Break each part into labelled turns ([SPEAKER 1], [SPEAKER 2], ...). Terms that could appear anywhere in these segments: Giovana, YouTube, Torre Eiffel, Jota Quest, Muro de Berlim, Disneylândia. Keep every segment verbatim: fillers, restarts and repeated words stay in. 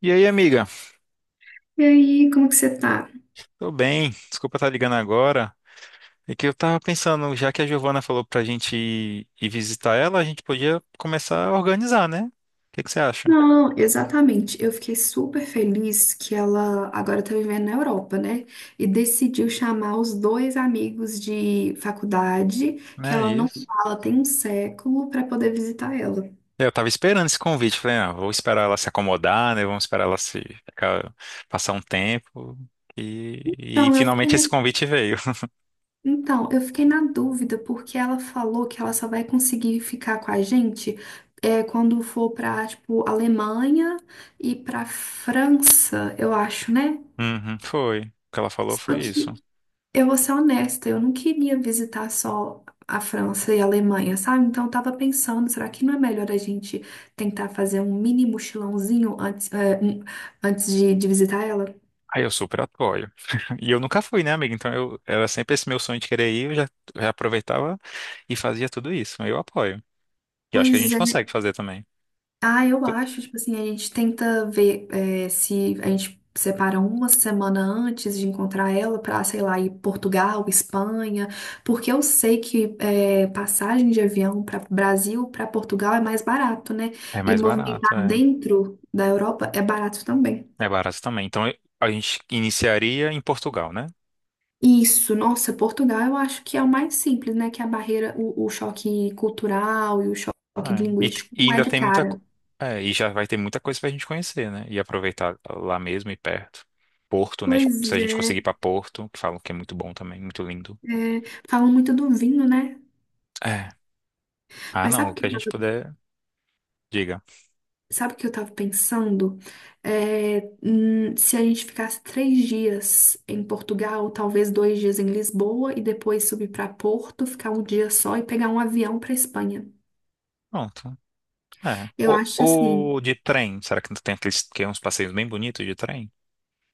[SPEAKER 1] E aí, amiga?
[SPEAKER 2] E aí, como que você tá?
[SPEAKER 1] Tô bem. Desculpa estar ligando agora. É que eu tava pensando, já que a Giovana falou pra gente ir, ir visitar ela, a gente podia começar a organizar, né? O que que você acha?
[SPEAKER 2] Não, exatamente. Eu fiquei super feliz que ela agora tá vivendo na Europa, né? E decidiu chamar os dois amigos de faculdade, que
[SPEAKER 1] Né, é
[SPEAKER 2] ela não
[SPEAKER 1] isso.
[SPEAKER 2] fala tem um século, para poder visitar ela.
[SPEAKER 1] Eu tava esperando esse convite. Falei, ah, vou esperar ela se acomodar, né? Vamos esperar ela se ficar- passar um tempo. E, e
[SPEAKER 2] Então, eu fiquei
[SPEAKER 1] finalmente esse
[SPEAKER 2] na...
[SPEAKER 1] convite veio.
[SPEAKER 2] Então, eu fiquei na dúvida porque ela falou que ela só vai conseguir ficar com a gente é, quando for pra, tipo, Alemanha e pra França, eu acho, né?
[SPEAKER 1] Uhum, foi. O que ela falou
[SPEAKER 2] Só
[SPEAKER 1] foi isso.
[SPEAKER 2] que Eu vou ser honesta, eu não queria visitar só a França e a Alemanha, sabe? Então eu tava pensando, será que não é melhor a gente tentar fazer um mini mochilãozinho antes, eh, antes de, de visitar ela?
[SPEAKER 1] Aí eu super apoio. E eu nunca fui, né, amiga? Então eu era sempre esse meu sonho de querer ir, eu já, já aproveitava e fazia tudo isso. Eu apoio. E eu acho que a
[SPEAKER 2] Pois
[SPEAKER 1] gente
[SPEAKER 2] é.
[SPEAKER 1] consegue fazer também.
[SPEAKER 2] Ah, eu acho, tipo assim, a gente tenta ver é, se a gente separa uma semana antes de encontrar ela pra, sei lá, ir Portugal, Espanha, porque eu sei que é, passagem de avião para Brasil, para Portugal é mais barato, né?
[SPEAKER 1] É
[SPEAKER 2] E
[SPEAKER 1] mais barato,
[SPEAKER 2] movimentar
[SPEAKER 1] é.
[SPEAKER 2] dentro da Europa é barato também.
[SPEAKER 1] É barato também. Então eu- a gente iniciaria em Portugal, né?
[SPEAKER 2] Isso, nossa, Portugal eu acho que é o mais simples, né? Que é a barreira, o, o choque cultural e o choque
[SPEAKER 1] É. E,
[SPEAKER 2] linguístico
[SPEAKER 1] e
[SPEAKER 2] não é
[SPEAKER 1] ainda
[SPEAKER 2] de
[SPEAKER 1] tem muita. co-
[SPEAKER 2] cara.
[SPEAKER 1] é, e já vai ter muita coisa pra gente conhecer, né? E aproveitar lá mesmo e perto. Porto, né? Tipo, se
[SPEAKER 2] Pois
[SPEAKER 1] a gente conseguir
[SPEAKER 2] é.
[SPEAKER 1] ir pra Porto, que falam que é muito bom também, muito lindo.
[SPEAKER 2] é, Falam muito do vinho, né?
[SPEAKER 1] É. Ah,
[SPEAKER 2] Mas
[SPEAKER 1] não,
[SPEAKER 2] sabe o
[SPEAKER 1] o que
[SPEAKER 2] que,
[SPEAKER 1] a
[SPEAKER 2] eu
[SPEAKER 1] gente
[SPEAKER 2] tava-
[SPEAKER 1] puder, diga.
[SPEAKER 2] sabe o que eu tava pensando? É, hum, se a gente ficasse três dias em Portugal, talvez dois dias em Lisboa e depois subir para Porto, ficar um dia só e pegar um avião para Espanha.
[SPEAKER 1] Pronto. É.
[SPEAKER 2] Eu
[SPEAKER 1] O,
[SPEAKER 2] acho assim,
[SPEAKER 1] o de trem, será que não tem aqueles que é uns passeios bem bonitos de trem?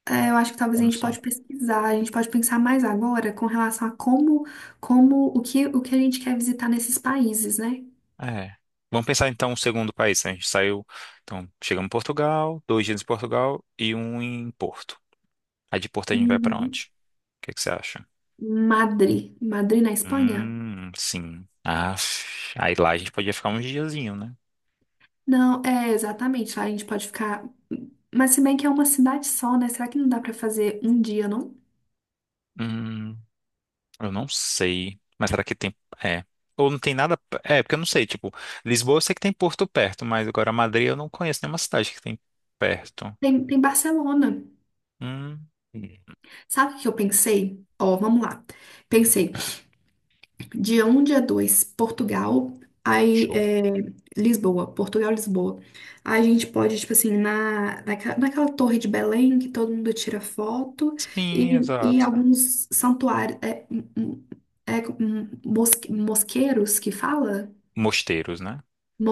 [SPEAKER 2] é, eu acho que talvez
[SPEAKER 1] Ou
[SPEAKER 2] a
[SPEAKER 1] não
[SPEAKER 2] gente
[SPEAKER 1] são?
[SPEAKER 2] pode pesquisar, a gente pode pensar mais agora com relação a como, como, o que, o que a gente quer visitar nesses países, né?
[SPEAKER 1] É. Vamos pensar então um segundo país, né? A gente saiu, então chegamos em Portugal, dois dias em Portugal e um em Porto. Aí de Porto a gente vai pra
[SPEAKER 2] Uhum.
[SPEAKER 1] onde? O que que você acha?
[SPEAKER 2] Madrid, Madrid na Espanha?
[SPEAKER 1] Hum, sim. Ah, aí lá a gente podia ficar uns diazinho, né?
[SPEAKER 2] Não, é exatamente. Lá a gente pode ficar. Mas se bem que é uma cidade só, né? Será que não dá pra fazer um dia, não?
[SPEAKER 1] Hum, eu não sei. Mas será que tem. É. Ou não tem nada. É, porque eu não sei. Tipo, Lisboa eu sei que tem Porto perto, mas agora Madrid eu não conheço nenhuma cidade que tem perto.
[SPEAKER 2] Tem, tem Barcelona.
[SPEAKER 1] Hum,
[SPEAKER 2] Sabe o que eu pensei? Ó, vamos lá. Pensei, dia um dia dois, Portugal, aí
[SPEAKER 1] show.
[SPEAKER 2] é, Lisboa, Portugal, Lisboa. Aí a gente pode, tipo assim, na, naquela, naquela torre de Belém que todo mundo tira foto
[SPEAKER 1] Sim,
[SPEAKER 2] e, e
[SPEAKER 1] exato.
[SPEAKER 2] alguns santuários, é, hum, hum, é, hum, mosque- mosqueiros que fala?
[SPEAKER 1] Mosteiros, né?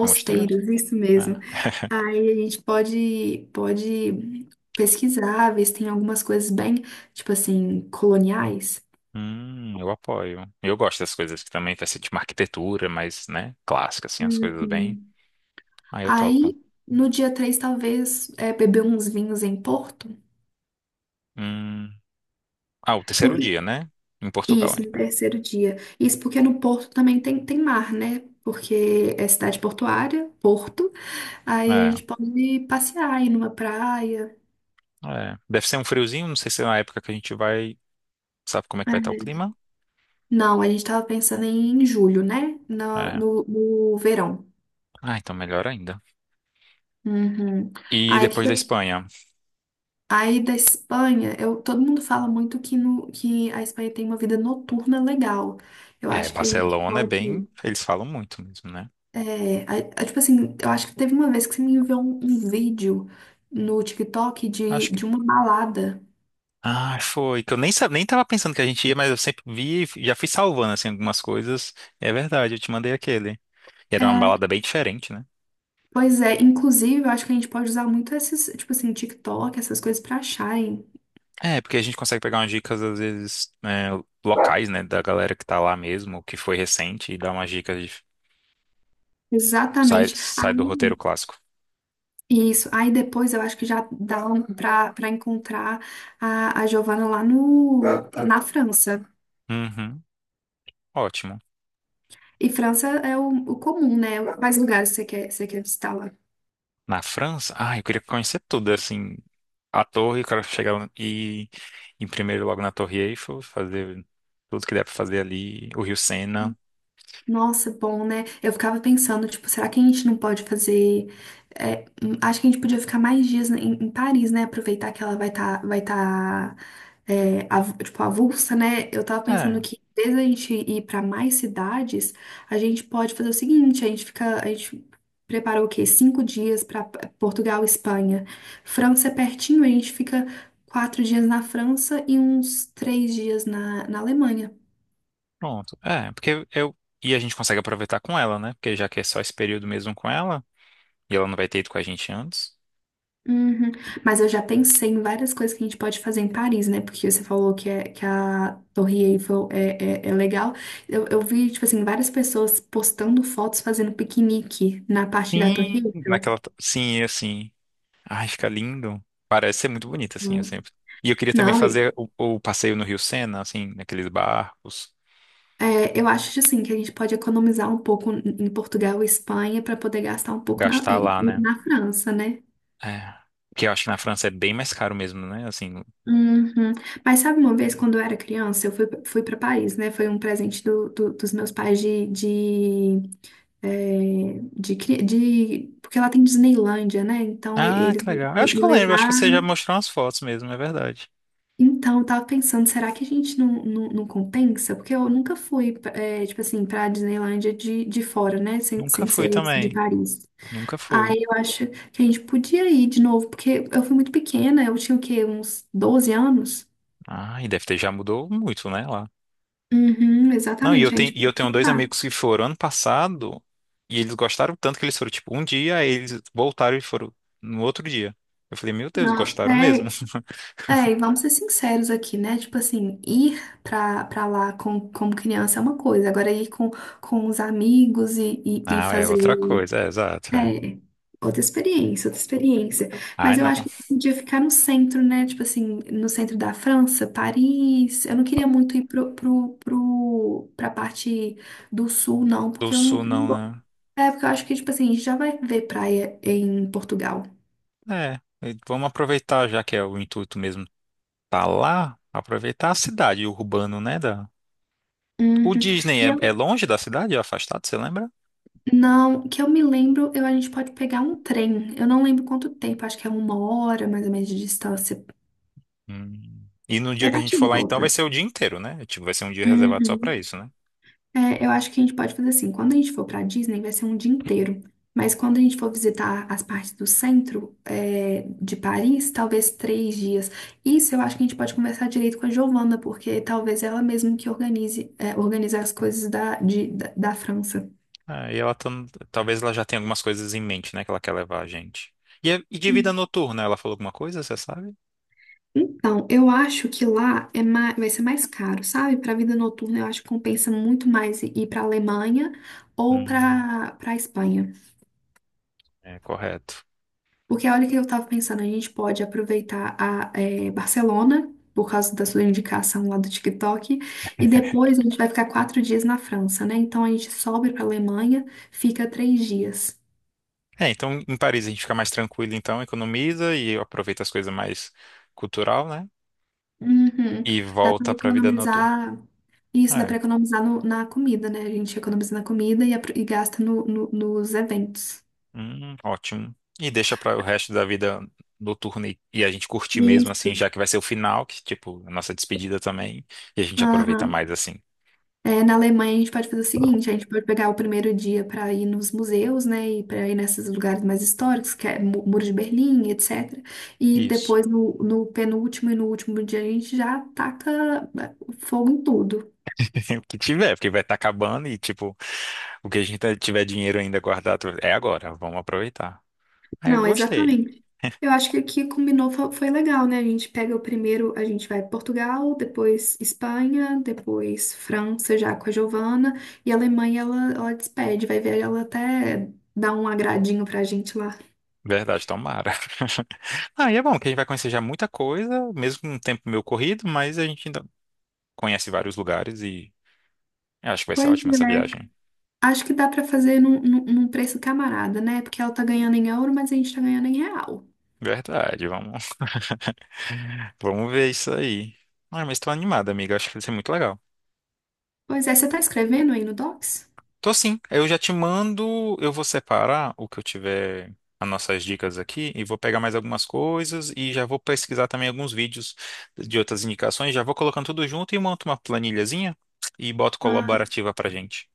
[SPEAKER 1] É mosteiros?
[SPEAKER 2] isso mesmo.
[SPEAKER 1] É.
[SPEAKER 2] Aí a gente pode, pode pesquisar, ver se tem algumas coisas bem, tipo assim, coloniais.
[SPEAKER 1] Hum, eu apoio. Eu gosto das coisas que também fazem tipo uma arquitetura, mas, né, clássica, assim, as coisas bem.
[SPEAKER 2] Uhum.
[SPEAKER 1] Aí eu topo.
[SPEAKER 2] Aí, no dia três talvez é, beber uns vinhos em Porto.
[SPEAKER 1] Hum. Ah, o terceiro
[SPEAKER 2] Porque-
[SPEAKER 1] dia, né? Em Portugal
[SPEAKER 2] Isso, no
[SPEAKER 1] ainda.
[SPEAKER 2] terceiro dia. Isso porque no Porto também tem, tem mar, né? Porque é cidade portuária, Porto. Aí a
[SPEAKER 1] É,
[SPEAKER 2] gente pode passear, ir numa praia.
[SPEAKER 1] é. Deve ser um friozinho, não sei se é na época que a gente vai. Sabe como é que vai estar o
[SPEAKER 2] É.
[SPEAKER 1] clima?
[SPEAKER 2] Não, a gente tava pensando em julho, né? Na-
[SPEAKER 1] É.
[SPEAKER 2] no no verão.
[SPEAKER 1] Ah, então melhor ainda.
[SPEAKER 2] Uhum.
[SPEAKER 1] E
[SPEAKER 2] Aí, que
[SPEAKER 1] depois da
[SPEAKER 2] que
[SPEAKER 1] Espanha?
[SPEAKER 2] aí da Espanha, eu, todo mundo fala muito que, no, que a Espanha tem uma vida noturna legal. Eu
[SPEAKER 1] É,
[SPEAKER 2] acho que a gente
[SPEAKER 1] Barcelona é
[SPEAKER 2] pode.
[SPEAKER 1] bem. Eles falam muito mesmo, né?
[SPEAKER 2] É, a- a- tipo assim, eu acho que teve uma vez que você me enviou um, um vídeo no TikTok de,
[SPEAKER 1] Acho
[SPEAKER 2] de uma balada.
[SPEAKER 1] Ah, foi. Que eu nem, sa- nem tava pensando que a gente ia, mas eu sempre vi, e já fui salvando, assim, algumas coisas. É verdade, eu te mandei aquele. E era uma
[SPEAKER 2] É,
[SPEAKER 1] balada bem diferente, né?
[SPEAKER 2] Pois é, inclusive, eu acho que a gente pode usar muito esses, tipo assim, TikTok, essas coisas pra acharem.
[SPEAKER 1] É, porque a gente consegue pegar umas dicas, às vezes, é, locais, né, da galera que tá lá mesmo, que foi recente, e dá umas dicas de... Sai,
[SPEAKER 2] Exatamente.
[SPEAKER 1] sai do roteiro clássico.
[SPEAKER 2] Isso. Aí depois eu acho que já dá um pra para encontrar a, a Giovana lá no, Tá, tá. na França.
[SPEAKER 1] Uhum, ótimo.
[SPEAKER 2] E França é o, o comum, né? Quais lugares você quer, você quer visitar lá?
[SPEAKER 1] Na França? Ah, eu queria conhecer tudo, assim, a torre, eu quero chegar e em primeiro logo na Torre Eiffel, fazer tudo que der pra fazer ali, o Rio Sena.
[SPEAKER 2] Nossa, bom, né? Eu ficava pensando, tipo, será que a gente não pode fazer. É, hum, acho que a gente podia ficar mais dias em, em Paris, né? Aproveitar que ela vai estar, vai tá, é, av- tipo, avulsa, né? Eu tava pensando que, desde a gente ir pra mais cidades, a gente pode fazer o seguinte: a gente fica. A gente prepara o quê? Cinco dias pra Portugal, Espanha. França é pertinho, a gente fica quatro dias na França e uns três dias na, na Alemanha.
[SPEAKER 1] Pronto. É, porque eu. E a gente consegue aproveitar com ela, né? Porque já que é só esse período mesmo com ela, e ela não vai ter ido com a gente antes.
[SPEAKER 2] Uhum. Mas eu já pensei em várias coisas que a gente pode fazer em Paris, né? Porque você falou que, é, que a Torre Eiffel é, é, é legal. Eu, eu vi, tipo assim, várias pessoas postando fotos fazendo piquenique na parte da Torre
[SPEAKER 1] Sim.
[SPEAKER 2] Eiffel.
[SPEAKER 1] Naquela. t- Sim, assim. Ai, fica lindo. Parece ser muito bonito, assim, eu
[SPEAKER 2] Hum.
[SPEAKER 1] sempre. E eu queria também
[SPEAKER 2] Não, e-
[SPEAKER 1] fazer o, o passeio no Rio Sena, assim, naqueles barcos,
[SPEAKER 2] é, eu acho, assim, que a gente pode economizar um pouco em Portugal e Espanha para poder gastar um pouco na,
[SPEAKER 1] gastar
[SPEAKER 2] em-
[SPEAKER 1] lá, né?
[SPEAKER 2] na França, né?
[SPEAKER 1] É. Porque eu acho que na França é bem mais caro mesmo, né? Assim.
[SPEAKER 2] Uhum. Mas sabe uma vez, quando eu era criança, eu fui, fui para Paris, né? Foi um presente do, do- dos meus pais de, é, de, cri- de, porque ela tem Disneylândia, né? Então e-
[SPEAKER 1] Ah,
[SPEAKER 2] eles
[SPEAKER 1] que
[SPEAKER 2] me
[SPEAKER 1] legal. Eu acho
[SPEAKER 2] me
[SPEAKER 1] que eu lembro, eu acho que você já
[SPEAKER 2] levaram.
[SPEAKER 1] mostrou umas fotos mesmo, é verdade.
[SPEAKER 2] Então eu tava pensando, será que a gente não, não, não compensa? Porque eu nunca fui, é, tipo assim, pra Disneylândia de, de fora, né? Sem,
[SPEAKER 1] Nunca
[SPEAKER 2] sem
[SPEAKER 1] fui
[SPEAKER 2] ser esse de
[SPEAKER 1] também.
[SPEAKER 2] Paris.
[SPEAKER 1] Nunca fui.
[SPEAKER 2] Aí eu acho que a gente podia ir de novo, porque eu fui muito pequena, eu tinha o quê? Uns doze anos?
[SPEAKER 1] Ah, e deve ter já mudou muito, né? Lá.
[SPEAKER 2] Uhum,
[SPEAKER 1] Não, e eu
[SPEAKER 2] exatamente, a
[SPEAKER 1] tenho,
[SPEAKER 2] gente
[SPEAKER 1] e eu
[SPEAKER 2] pode
[SPEAKER 1] tenho dois
[SPEAKER 2] voltar.
[SPEAKER 1] amigos que foram ano passado e eles gostaram tanto que eles foram, tipo, um dia, aí eles voltaram e foram no outro dia. Eu falei, meu Deus,
[SPEAKER 2] Não,
[SPEAKER 1] gostaram mesmo.
[SPEAKER 2] é, É, e vamos ser sinceros aqui, né? Tipo assim, ir pra, pra lá com, como criança é uma coisa, agora ir com, com os amigos e, e, e
[SPEAKER 1] Ah, é
[SPEAKER 2] fazer.
[SPEAKER 1] outra coisa, é, exato, é.
[SPEAKER 2] É, outra experiência, outra experiência.
[SPEAKER 1] Ai,
[SPEAKER 2] Mas eu
[SPEAKER 1] não.
[SPEAKER 2] acho que podia ficar no centro, né? Tipo assim, no centro da França, Paris. Eu não queria muito ir pro, pro, pro, pra parte do sul, não,
[SPEAKER 1] Do
[SPEAKER 2] porque eu não.
[SPEAKER 1] sul
[SPEAKER 2] não
[SPEAKER 1] não,
[SPEAKER 2] go- É, porque eu acho que, tipo assim, a gente já vai ver praia em Portugal.
[SPEAKER 1] né? É, e vamos aproveitar, já que é o intuito mesmo tá lá, aproveitar a cidade, o urbano, né? Da... O
[SPEAKER 2] Uhum.
[SPEAKER 1] Disney
[SPEAKER 2] E
[SPEAKER 1] é, é
[SPEAKER 2] eu
[SPEAKER 1] longe da cidade, é afastado, você lembra?
[SPEAKER 2] Não, que eu me lembro, eu, a gente pode pegar um trem. Eu não lembro quanto tempo, acho que é uma hora mais ou menos de distância.
[SPEAKER 1] Hum. E no
[SPEAKER 2] É
[SPEAKER 1] dia que a gente
[SPEAKER 2] bate e
[SPEAKER 1] for lá, então,
[SPEAKER 2] volta.
[SPEAKER 1] vai ser o dia inteiro, né? Tipo, vai ser um dia reservado só pra
[SPEAKER 2] Uhum.
[SPEAKER 1] isso, né?
[SPEAKER 2] É, eu acho que a gente pode fazer assim. Quando a gente for pra Disney, vai ser um dia inteiro. Mas quando a gente for visitar as partes do centro, é, de Paris, talvez três dias. Isso eu acho que a gente pode conversar direito com a Giovana, porque talvez ela mesma que organize, é, organize as coisas da, de- da, da França.
[SPEAKER 1] É, e ela tá, talvez ela já tenha algumas coisas em mente, né, que ela quer levar a gente. E, é- e de vida noturna, ela falou alguma coisa, você sabe?
[SPEAKER 2] Então, eu acho que lá é mais, vai ser mais caro, sabe? Para vida noturna, eu acho que compensa muito mais i- ir para Alemanha ou
[SPEAKER 1] Hum,
[SPEAKER 2] para para Espanha.
[SPEAKER 1] é correto.
[SPEAKER 2] Porque olha o que eu estava pensando, a gente pode aproveitar a eh, Barcelona, por causa da sua indicação lá do TikTok, e depois a gente vai ficar quatro dias na França, né? Então a gente sobe para Alemanha, fica três dias.
[SPEAKER 1] É, então em Paris a gente fica mais tranquilo, então economiza e aproveita as coisas mais cultural, né?
[SPEAKER 2] Uhum.
[SPEAKER 1] E
[SPEAKER 2] Dá para
[SPEAKER 1] volta pra vida noturna.
[SPEAKER 2] economizar. Isso, dá
[SPEAKER 1] É,
[SPEAKER 2] para economizar no- na comida, né? A gente economiza na comida e, apro- e gasta no- no- nos eventos.
[SPEAKER 1] hum, ótimo. E deixa para o resto da vida noturna e, e a gente curtir mesmo assim,
[SPEAKER 2] Isso.
[SPEAKER 1] já que vai ser o final, que tipo, a nossa despedida também, e a gente aproveita
[SPEAKER 2] Aham.
[SPEAKER 1] mais assim.
[SPEAKER 2] É, na Alemanha a gente pode fazer o seguinte, a gente pode pegar o primeiro dia para ir nos museus, né, e para ir nesses lugares mais históricos, que é Mu- Muro de Berlim, etcétera. E
[SPEAKER 1] Isso.
[SPEAKER 2] depois no, no penúltimo e no último dia a gente já taca né, fogo em tudo.
[SPEAKER 1] O que tiver, porque vai estar acabando e, tipo, o que a gente tá, tiver dinheiro ainda guardado é agora, vamos aproveitar. Aí eu
[SPEAKER 2] Não,
[SPEAKER 1] gostei.
[SPEAKER 2] exatamente. Eu acho que aqui combinou, fo- foi legal, né? A gente pega o primeiro, a gente vai Portugal, depois Espanha, depois França já com a Giovana, e a Alemanha ela, ela despede, vai ver ela até dar um agradinho pra gente lá.
[SPEAKER 1] Verdade, tomara. Ah, e é bom que a gente vai conhecer já muita coisa, mesmo um tempo meio corrido, mas a gente ainda conhece vários lugares e eu acho que vai ser
[SPEAKER 2] Pois
[SPEAKER 1] ótima essa
[SPEAKER 2] é,
[SPEAKER 1] viagem.
[SPEAKER 2] acho que dá pra fazer num, num, num preço camarada, né? Porque ela tá ganhando em euro, mas a gente tá ganhando em real.
[SPEAKER 1] Verdade, vamos, vamos ver isso aí. Ah, mas tô animada amiga, acho que vai ser muito legal.
[SPEAKER 2] Pois é, você tá escrevendo aí no Docs?
[SPEAKER 1] Tô sim. Eu já te mando, eu vou separar o que eu tiver, as nossas dicas aqui, e vou pegar mais algumas coisas e já vou pesquisar também alguns vídeos de outras indicações, já vou colocando tudo junto e monto uma planilhazinha e boto
[SPEAKER 2] Ah,
[SPEAKER 1] colaborativa pra gente.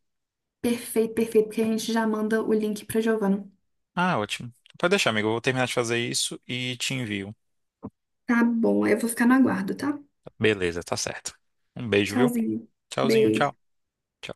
[SPEAKER 2] perfeito, perfeito, porque a gente já manda o link pra Giovana.
[SPEAKER 1] Ah, ótimo. Pode deixar, amigo. Eu vou terminar de fazer isso e te envio.
[SPEAKER 2] Tá bom, aí eu vou ficar no aguardo, tá?
[SPEAKER 1] Beleza, tá certo. Um beijo, viu?
[SPEAKER 2] Tchauzinho.
[SPEAKER 1] Tchauzinho, tchau.
[SPEAKER 2] Beijo.
[SPEAKER 1] Tchau.